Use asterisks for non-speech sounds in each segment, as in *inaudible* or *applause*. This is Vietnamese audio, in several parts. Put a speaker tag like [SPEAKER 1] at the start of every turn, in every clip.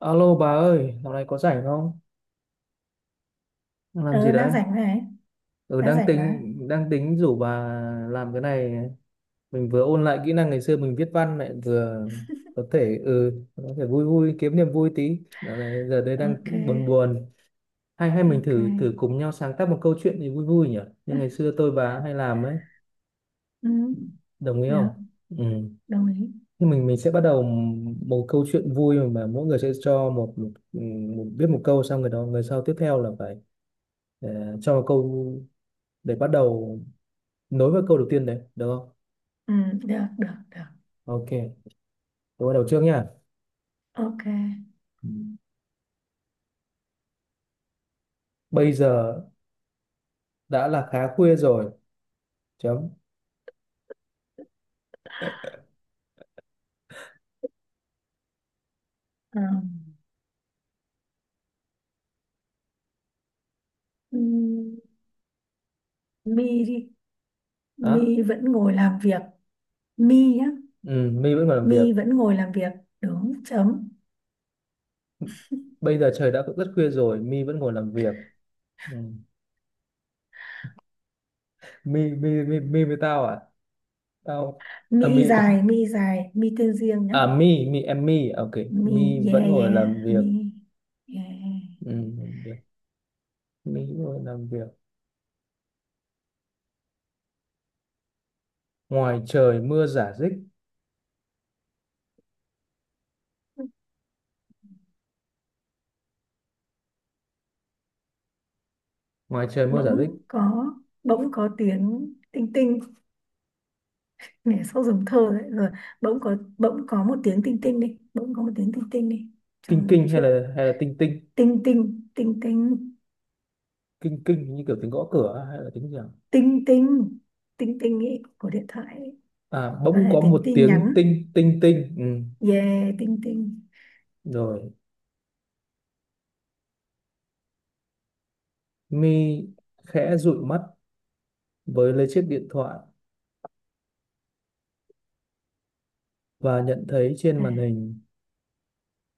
[SPEAKER 1] Alo bà ơi, dạo này có rảnh không? Đang làm gì
[SPEAKER 2] Ừ,
[SPEAKER 1] đấy?
[SPEAKER 2] đang rảnh này.
[SPEAKER 1] Ừ,
[SPEAKER 2] Đang
[SPEAKER 1] đang
[SPEAKER 2] rảnh mà.
[SPEAKER 1] tính đang tính rủ bà làm cái này. Mình vừa ôn lại kỹ năng ngày xưa mình viết văn, lại vừa có thể có thể vui vui, kiếm niềm vui tí. Dạo này giờ đây đang
[SPEAKER 2] Ok.
[SPEAKER 1] buồn buồn. Hay hay mình
[SPEAKER 2] Ok.
[SPEAKER 1] thử thử cùng nhau sáng tác một câu chuyện gì vui vui nhỉ? Như
[SPEAKER 2] Ừ,
[SPEAKER 1] ngày xưa tôi bà hay làm ấy,
[SPEAKER 2] ừ,
[SPEAKER 1] đồng ý không?
[SPEAKER 2] được.
[SPEAKER 1] Ừ.
[SPEAKER 2] Đồng ý.
[SPEAKER 1] Thì mình sẽ bắt đầu một câu chuyện vui, mà mỗi người sẽ cho một, một, một viết một câu, xong người đó, người sau tiếp theo là phải ờ, cho một câu để bắt đầu nối với câu đầu tiên đấy, được không?
[SPEAKER 2] Ừ, được, được, được.
[SPEAKER 1] Ok, tôi bắt đầu trước nha.
[SPEAKER 2] Ok.
[SPEAKER 1] Ừ. Bây giờ đã là khá khuya rồi, chấm.
[SPEAKER 2] Ờ, ừ, mi đi.
[SPEAKER 1] Á.
[SPEAKER 2] Mi vẫn ngồi làm việc. Mi nhá.
[SPEAKER 1] Ừ, My vẫn còn làm việc.
[SPEAKER 2] Mi vẫn ngồi làm việc, đúng. Chấm.
[SPEAKER 1] Bây giờ trời đã rất khuya rồi, My vẫn ngồi làm việc. Ừ. My với tao à? Tao à,
[SPEAKER 2] Mi
[SPEAKER 1] My.
[SPEAKER 2] dài, mi dài, mi tên riêng nhá.
[SPEAKER 1] À My. Ok,
[SPEAKER 2] Mi.
[SPEAKER 1] My
[SPEAKER 2] Yeah,
[SPEAKER 1] vẫn ngồi
[SPEAKER 2] yeah.
[SPEAKER 1] làm việc.
[SPEAKER 2] Mi. Yeah.
[SPEAKER 1] Ừ. Được. My vẫn ngồi làm việc, ngoài trời mưa rả rích, ngoài trời mưa rả rích.
[SPEAKER 2] Bỗng có bỗng có tiếng tinh tinh. Mẹ sốt, giống thơ đấy rồi. Bỗng có một tiếng tinh tinh đi, bỗng có một tiếng tinh tinh đi. Cho
[SPEAKER 1] Kinh
[SPEAKER 2] dùng
[SPEAKER 1] kinh hay
[SPEAKER 2] chuyện.
[SPEAKER 1] là tinh tinh?
[SPEAKER 2] Tinh tinh, tinh tinh,
[SPEAKER 1] Kinh kinh như kiểu tiếng gõ cửa hay là tiếng gì à?
[SPEAKER 2] tinh tinh, tinh tinh ý, của điện thoại ý.
[SPEAKER 1] À,
[SPEAKER 2] Có
[SPEAKER 1] bỗng
[SPEAKER 2] thể
[SPEAKER 1] có
[SPEAKER 2] tiếng
[SPEAKER 1] một
[SPEAKER 2] tin
[SPEAKER 1] tiếng
[SPEAKER 2] nhắn.
[SPEAKER 1] tinh tinh tinh. Ừ.
[SPEAKER 2] Yeah, tinh tinh.
[SPEAKER 1] Rồi mi khẽ dụi mắt, với lấy chiếc điện thoại và nhận thấy trên
[SPEAKER 2] à,
[SPEAKER 1] màn hình,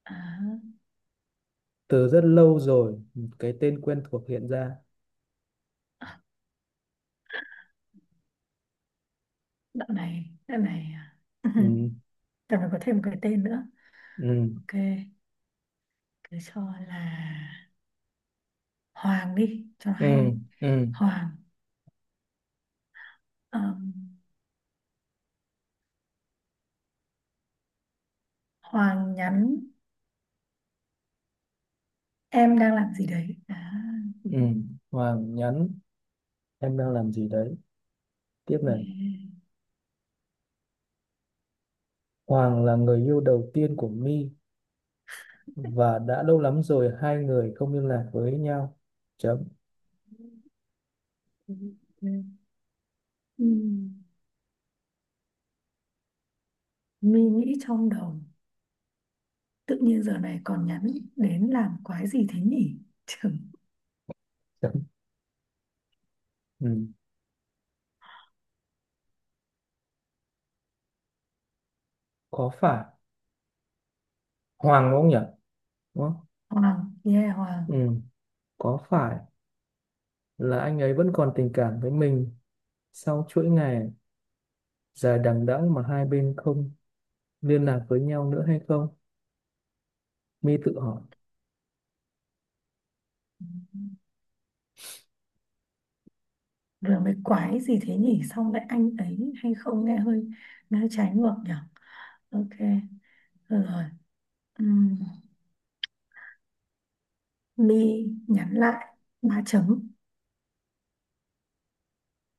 [SPEAKER 2] à,
[SPEAKER 1] từ rất lâu rồi, một cái tên quen thuộc hiện ra.
[SPEAKER 2] đoạn này à. *laughs*
[SPEAKER 1] Ừ.
[SPEAKER 2] Đoạn này có thêm một cái tên nữa.
[SPEAKER 1] Ừ.
[SPEAKER 2] Ok, cứ cho là Hoàng đi cho
[SPEAKER 1] Ừ.
[SPEAKER 2] hay.
[SPEAKER 1] Ừ.
[SPEAKER 2] Hoàng. Ờm, Hoàng nhắn: em đang làm gì đấy à.
[SPEAKER 1] Ừ. Hoàng nhắn, em đang làm gì đấy. Tiếp này,
[SPEAKER 2] Yeah.
[SPEAKER 1] Hoàng là người yêu đầu tiên của mi, và đã lâu lắm rồi hai người không liên lạc với nhau, chấm.
[SPEAKER 2] Ừm, Mi nghĩ trong đầu: tự nhiên giờ này còn nhắn đến làm quái gì thế nhỉ? Trưởng.
[SPEAKER 1] Chấm. Ừ. Có phải Hoàng đúng không nhỉ, đúng không?
[SPEAKER 2] Hoàng, yeah, Hoàng.
[SPEAKER 1] Ừ. Có phải là anh ấy vẫn còn tình cảm với mình sau chuỗi ngày dài đằng đẵng mà hai bên không liên lạc với nhau nữa hay không? My tự hỏi.
[SPEAKER 2] Ừ. Vừa mới quái gì thế nhỉ, xong lại anh ấy, hay không, nghe hơi trái ngược nhỉ. Ok, được rồi. Ừm, Mi nhắn lại ba chấm.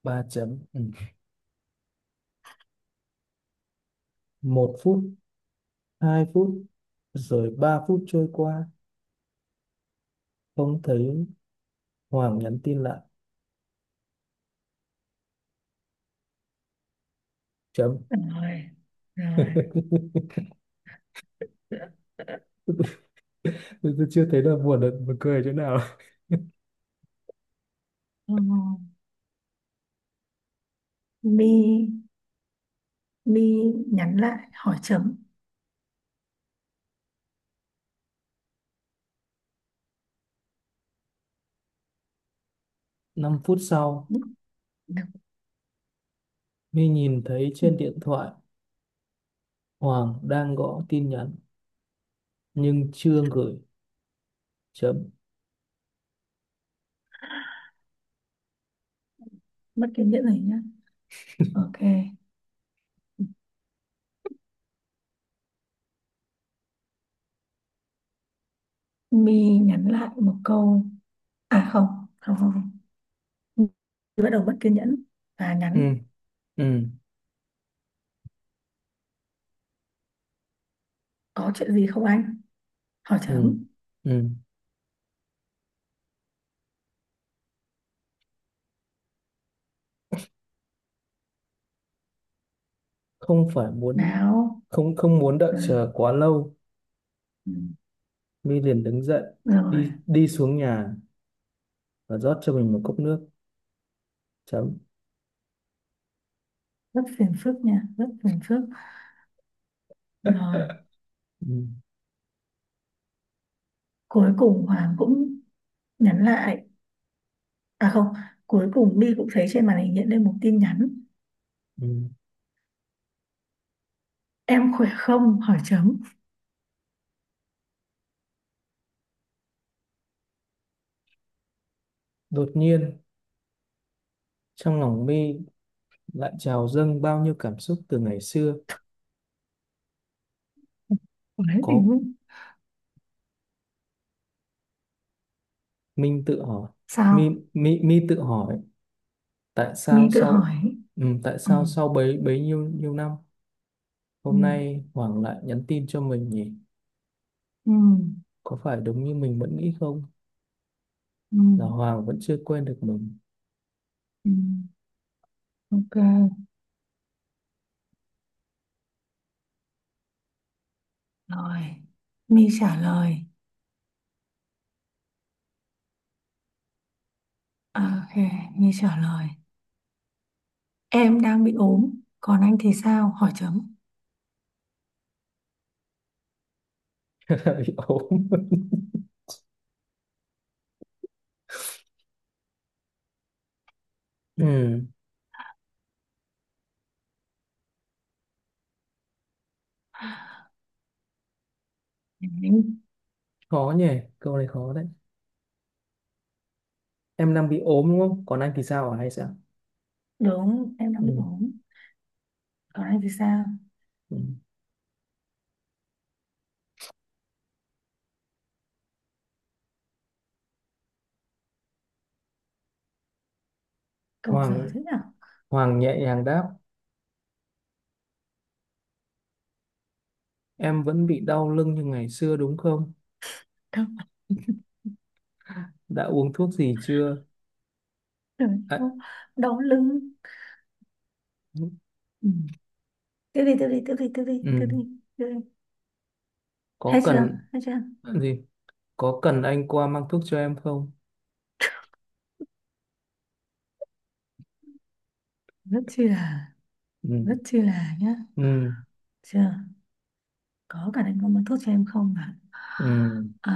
[SPEAKER 1] Ba chấm. Ừ. Một phút, hai phút, rồi ba phút trôi qua, không thấy Hoàng nhắn tin lại. Chấm.
[SPEAKER 2] Rồi, rồi.
[SPEAKER 1] *laughs* Tôi chưa thấy là buồn cười chỗ nào.
[SPEAKER 2] Ừ, Mi Mi nhắn lại, hỏi chấm.
[SPEAKER 1] Năm phút sau,
[SPEAKER 2] Được.
[SPEAKER 1] My nhìn thấy
[SPEAKER 2] Ừ,
[SPEAKER 1] trên điện thoại Hoàng đang gõ tin nhắn nhưng chưa gửi. Chấm.
[SPEAKER 2] mất kiên nhẫn rồi nhá. Ok, Mi nhắn lại một câu. À không, không không không. My bắt đầu mất kiên nhẫn và
[SPEAKER 1] Ừ.
[SPEAKER 2] nhắn:
[SPEAKER 1] Ừ.
[SPEAKER 2] có chuyện gì không anh, hỏi
[SPEAKER 1] Ừ.
[SPEAKER 2] chấm.
[SPEAKER 1] Ừ. không phải muốn
[SPEAKER 2] Nào.
[SPEAKER 1] không không muốn đợi
[SPEAKER 2] Ừ.
[SPEAKER 1] chờ quá lâu,
[SPEAKER 2] Ừ.
[SPEAKER 1] My liền đứng dậy,
[SPEAKER 2] Rồi,
[SPEAKER 1] đi đi xuống nhà và rót cho mình một cốc nước, chấm.
[SPEAKER 2] rất phiền phức nha, rất phiền phức. Rồi.
[SPEAKER 1] Ừ.
[SPEAKER 2] Cuối cùng Hoàng cũng nhắn lại. À không, cuối cùng Mi cũng thấy trên màn hình hiện lên một tin nhắn:
[SPEAKER 1] Ừ.
[SPEAKER 2] em khỏe không, hỏi chấm.
[SPEAKER 1] Đột nhiên trong lòng My lại trào dâng bao nhiêu cảm xúc từ ngày xưa.
[SPEAKER 2] Đấy thì
[SPEAKER 1] Có, Minh tự hỏi, My,
[SPEAKER 2] sao.
[SPEAKER 1] My, My tự hỏi, tại
[SPEAKER 2] Mi
[SPEAKER 1] sao
[SPEAKER 2] tự
[SPEAKER 1] sau—
[SPEAKER 2] hỏi.
[SPEAKER 1] ừ, tại
[SPEAKER 2] Ừ.
[SPEAKER 1] sao sau bấy bấy nhiêu nhiêu năm
[SPEAKER 2] Ừ.
[SPEAKER 1] hôm nay Hoàng lại nhắn tin cho mình nhỉ?
[SPEAKER 2] Ừ.
[SPEAKER 1] Có phải đúng như mình vẫn nghĩ không,
[SPEAKER 2] Ừ.
[SPEAKER 1] là Hoàng vẫn chưa quên được mình?
[SPEAKER 2] Ừ. Ok. Rồi, My trả lời. À, ok, My trả lời. Em đang bị ốm, còn anh thì sao? Hỏi chấm.
[SPEAKER 1] *laughs* Bị ốm. Ừ,
[SPEAKER 2] Đấy.
[SPEAKER 1] khó nhỉ, câu này khó đấy. Em đang bị ốm đúng không? Còn anh thì sao hả hay sao?
[SPEAKER 2] Đúng, em đang bị
[SPEAKER 1] Ừ.
[SPEAKER 2] ốm. Còn anh thì sao?
[SPEAKER 1] Ừ.
[SPEAKER 2] Cậu
[SPEAKER 1] Hoàng
[SPEAKER 2] giỏi thế nhở?
[SPEAKER 1] Hoàng nhẹ nhàng đáp, em vẫn bị đau lưng như ngày xưa đúng không?
[SPEAKER 2] Đâu,
[SPEAKER 1] Đã uống thuốc gì chưa? À,
[SPEAKER 2] đau đau lưng. Ừ. Tiếp đi, tiếp đi, tiếp đi, tiếp đi, tiếp
[SPEAKER 1] ừ.
[SPEAKER 2] đi, tiếp đi. Hết
[SPEAKER 1] Có
[SPEAKER 2] chưa?
[SPEAKER 1] cần
[SPEAKER 2] Hết chưa?
[SPEAKER 1] gì? Có cần anh qua mang thuốc cho em không?
[SPEAKER 2] Rất chi là,
[SPEAKER 1] Ừ.
[SPEAKER 2] rất chi là nhá.
[SPEAKER 1] Ừ.
[SPEAKER 2] Chưa? Có cả anh có muốn thuốc cho em không ạ?
[SPEAKER 1] Ừ.
[SPEAKER 2] À,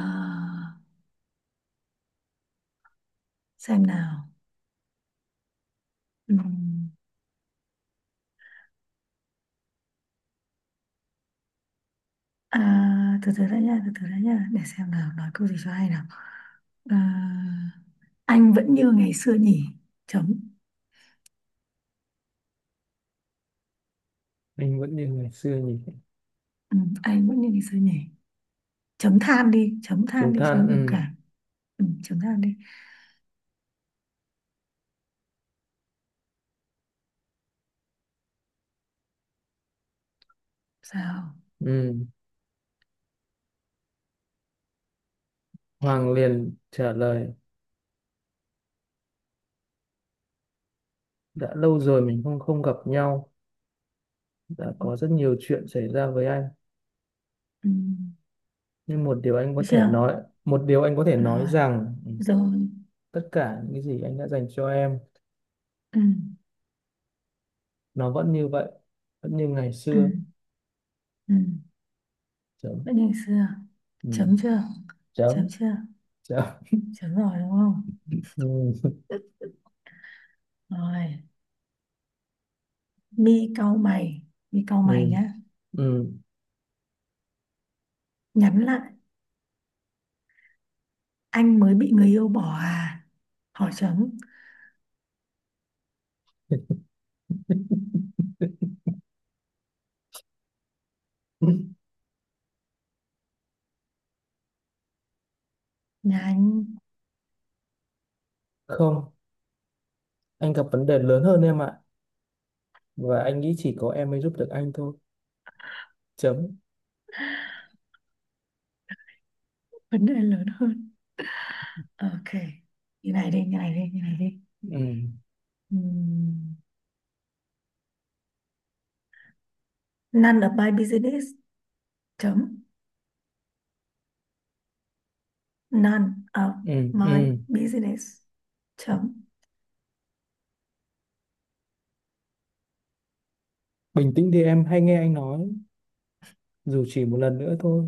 [SPEAKER 2] xem nào. Ừ. À, từ từ đã nha, từ từ đã nha, để xem nào, nói câu gì cho hay nào. À, anh vẫn như ngày xưa nhỉ, chấm.
[SPEAKER 1] Anh vẫn như ngày xưa nhỉ?
[SPEAKER 2] Ừ, anh vẫn như ngày xưa nhỉ. Chấm than
[SPEAKER 1] Chúng
[SPEAKER 2] đi cho nó
[SPEAKER 1] than,
[SPEAKER 2] biểu
[SPEAKER 1] ừ.
[SPEAKER 2] cảm. Ừ, chấm than đi. Sao?
[SPEAKER 1] Ừ. Hoàng liền trả lời, đã lâu rồi mình không không gặp nhau, đã có rất nhiều chuyện xảy ra với anh.
[SPEAKER 2] Ừ,
[SPEAKER 1] Nhưng một điều anh có
[SPEAKER 2] được
[SPEAKER 1] thể
[SPEAKER 2] chưa?
[SPEAKER 1] nói, một điều anh có thể nói
[SPEAKER 2] Rồi,
[SPEAKER 1] rằng
[SPEAKER 2] rồi.
[SPEAKER 1] tất cả những cái gì anh đã dành cho em,
[SPEAKER 2] Ừ,
[SPEAKER 1] nó vẫn như vậy, vẫn như ngày
[SPEAKER 2] ừ,
[SPEAKER 1] xưa.
[SPEAKER 2] ừ.
[SPEAKER 1] Chấm.
[SPEAKER 2] Vẫn như ngày xưa.
[SPEAKER 1] Ừ.
[SPEAKER 2] Chấm chưa?
[SPEAKER 1] Chấm.
[SPEAKER 2] Chấm chưa?
[SPEAKER 1] Chấm.
[SPEAKER 2] Chấm rồi đúng không?
[SPEAKER 1] Ừ.
[SPEAKER 2] Rồi, mi cau mày, mi cau mày
[SPEAKER 1] Ừ.
[SPEAKER 2] nhá.
[SPEAKER 1] Ừ.
[SPEAKER 2] Nhắn lại: anh mới bị người yêu bỏ à, hỏi chấm.
[SPEAKER 1] *laughs*
[SPEAKER 2] Nhà anh.
[SPEAKER 1] Không, anh gặp vấn đề lớn hơn em ạ. Và anh nghĩ chỉ có em mới giúp được anh thôi. Chấm.
[SPEAKER 2] Vấn đề lớn hơn. Ok, như này đi, như này đi, như này đi.
[SPEAKER 1] Ừ.
[SPEAKER 2] Ừm, none of my business, chấm. None of
[SPEAKER 1] Ừ.
[SPEAKER 2] my
[SPEAKER 1] Ừ.
[SPEAKER 2] business, chấm.
[SPEAKER 1] Bình tĩnh đi em, hãy nghe anh nói, dù chỉ một lần nữa thôi.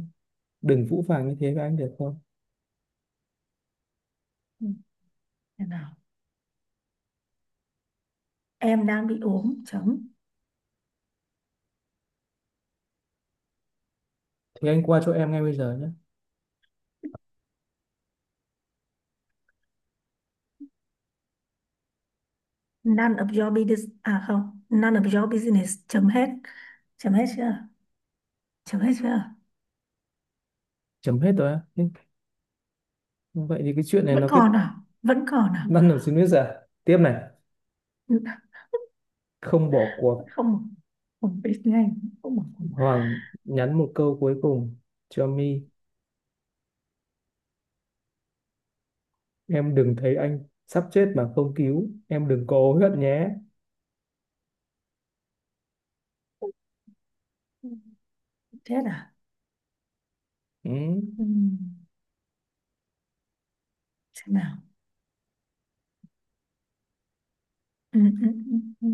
[SPEAKER 1] Đừng phũ phàng như thế với anh được không?
[SPEAKER 2] Ừm, thế nào, em đang bị ốm, chấm.
[SPEAKER 1] Thì anh qua chỗ em ngay bây giờ nhé.
[SPEAKER 2] None of your business, à không, none of your business, chấm hết. Chấm hết chưa? Chấm hết chưa?
[SPEAKER 1] Chấm hết rồi á. Thế vậy thì cái chuyện này
[SPEAKER 2] Vẫn
[SPEAKER 1] nó kết—
[SPEAKER 2] còn à? Vẫn còn à?
[SPEAKER 1] bắt đầu xin biết à? Tiếp này.
[SPEAKER 2] Vẫn.
[SPEAKER 1] Không bỏ cuộc.
[SPEAKER 2] Không, không biết ngay. Không mà.
[SPEAKER 1] Hoàng nhắn một câu cuối cùng cho My. Em đừng thấy anh sắp chết mà không cứu. Em đừng có hối hận nhé.
[SPEAKER 2] Thế à?
[SPEAKER 1] Ừ.
[SPEAKER 2] Ừ. Xem nào. Ừ, ừ, ừ, ừ,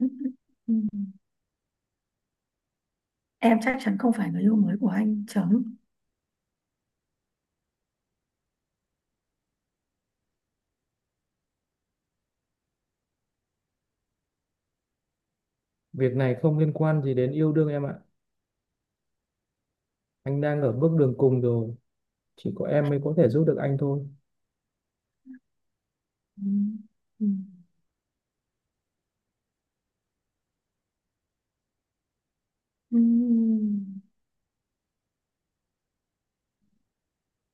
[SPEAKER 2] ừ, ừ, ừ. Em chắc chắn không phải người yêu mới của anh, chấm.
[SPEAKER 1] Việc này không liên quan gì đến yêu đương em ạ. Anh đang ở bước đường cùng rồi. Chỉ có em mới có thể giúp được anh thôi.
[SPEAKER 2] Ừ. Ừ. Ừ.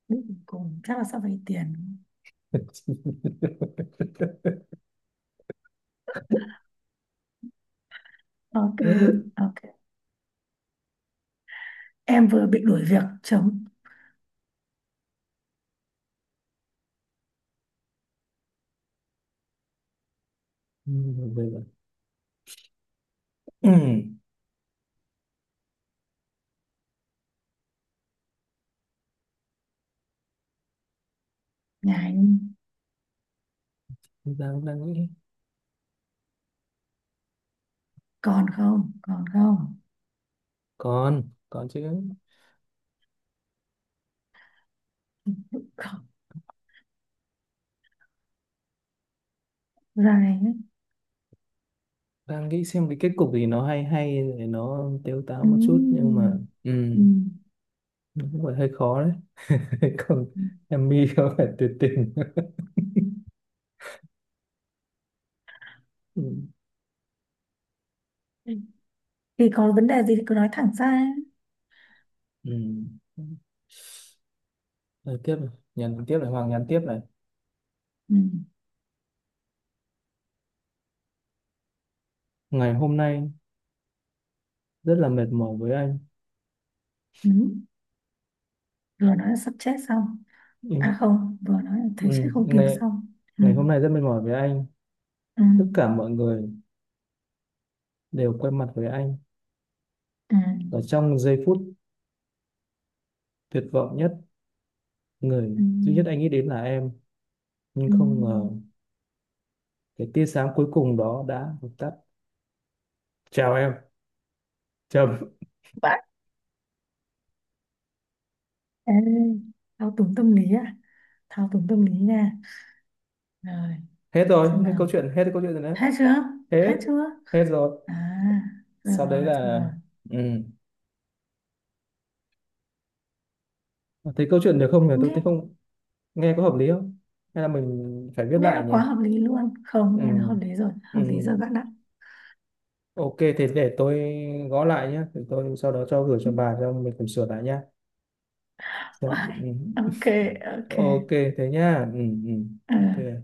[SPEAKER 2] Biết gì cùng chắc là sẽ vay tiền.
[SPEAKER 1] *laughs*
[SPEAKER 2] Ok, ok. Em vừa bị đuổi việc, chấm.
[SPEAKER 1] Ừ, bây giờ— *clears throat*
[SPEAKER 2] Nhà anh
[SPEAKER 1] đang đang nghĩ,
[SPEAKER 2] còn không? Còn không?
[SPEAKER 1] còn còn chứ,
[SPEAKER 2] Không. Dài ấy.
[SPEAKER 1] đang nghĩ xem cái kết cục gì nó hay hay để nó tếu táo
[SPEAKER 2] Ừ.
[SPEAKER 1] một chút, nhưng mà ừ.
[SPEAKER 2] Ừ.
[SPEAKER 1] Đúng rồi, hơi khó đấy. *laughs* Còn em mi không phải tuyệt tình. *laughs* Ừ.
[SPEAKER 2] Ừ. Thì có vấn đề gì thì cứ nói thẳng ra.
[SPEAKER 1] Ừ. Rồi, tiếp này. Hoàng nhắn tiếp này.
[SPEAKER 2] Ừ.
[SPEAKER 1] Ngày hôm nay rất là mệt mỏi với anh.
[SPEAKER 2] Ừ. Vừa nói là sắp chết xong,
[SPEAKER 1] Ừ.
[SPEAKER 2] à không, vừa nói là
[SPEAKER 1] Ừ.
[SPEAKER 2] thấy chết không cứu xong. Ừ,
[SPEAKER 1] Ngày hôm nay rất mệt mỏi với anh,
[SPEAKER 2] ừ,
[SPEAKER 1] tất cả mọi người đều quay mặt với anh,
[SPEAKER 2] ừ,
[SPEAKER 1] và trong giây phút tuyệt vọng nhất, người
[SPEAKER 2] ừ,
[SPEAKER 1] duy nhất anh nghĩ đến là em, nhưng
[SPEAKER 2] ừ.
[SPEAKER 1] không ngờ cái tia sáng cuối cùng đó đã vụt tắt. Chào em, chấm.
[SPEAKER 2] Vãi. Ê, thao túng tâm lý à, thao túng tâm lý nha. Rồi,
[SPEAKER 1] Hết
[SPEAKER 2] xem
[SPEAKER 1] rồi,
[SPEAKER 2] nào.
[SPEAKER 1] hết câu chuyện rồi đấy.
[SPEAKER 2] Hết chưa? Hết
[SPEAKER 1] Hết.
[SPEAKER 2] chưa?
[SPEAKER 1] Hết rồi.
[SPEAKER 2] À, rồi,
[SPEAKER 1] Sau đấy
[SPEAKER 2] rồi, thôi
[SPEAKER 1] là
[SPEAKER 2] rồi.
[SPEAKER 1] ừ. Thấy câu chuyện được không nhỉ? Tôi
[SPEAKER 2] nghe
[SPEAKER 1] thấy, không nghe có hợp lý không? Hay là mình phải viết
[SPEAKER 2] nghe
[SPEAKER 1] lại
[SPEAKER 2] nó
[SPEAKER 1] nhỉ?
[SPEAKER 2] quá hợp lý luôn.
[SPEAKER 1] Ừ,
[SPEAKER 2] Không, nghe nó hợp lý rồi, hợp lý
[SPEAKER 1] ừ.
[SPEAKER 2] rồi bạn ạ.
[SPEAKER 1] Ok, thế để tôi gõ lại nhé. Thì tôi sau đó cho gửi cho bà,
[SPEAKER 2] *laughs*
[SPEAKER 1] xong mình cùng sửa lại nhá. Ừ.
[SPEAKER 2] Wow. Ok.
[SPEAKER 1] *laughs*
[SPEAKER 2] Ok.
[SPEAKER 1] Ok, thế nhá. Ừ, ừ.
[SPEAKER 2] Ờ.
[SPEAKER 1] Ok.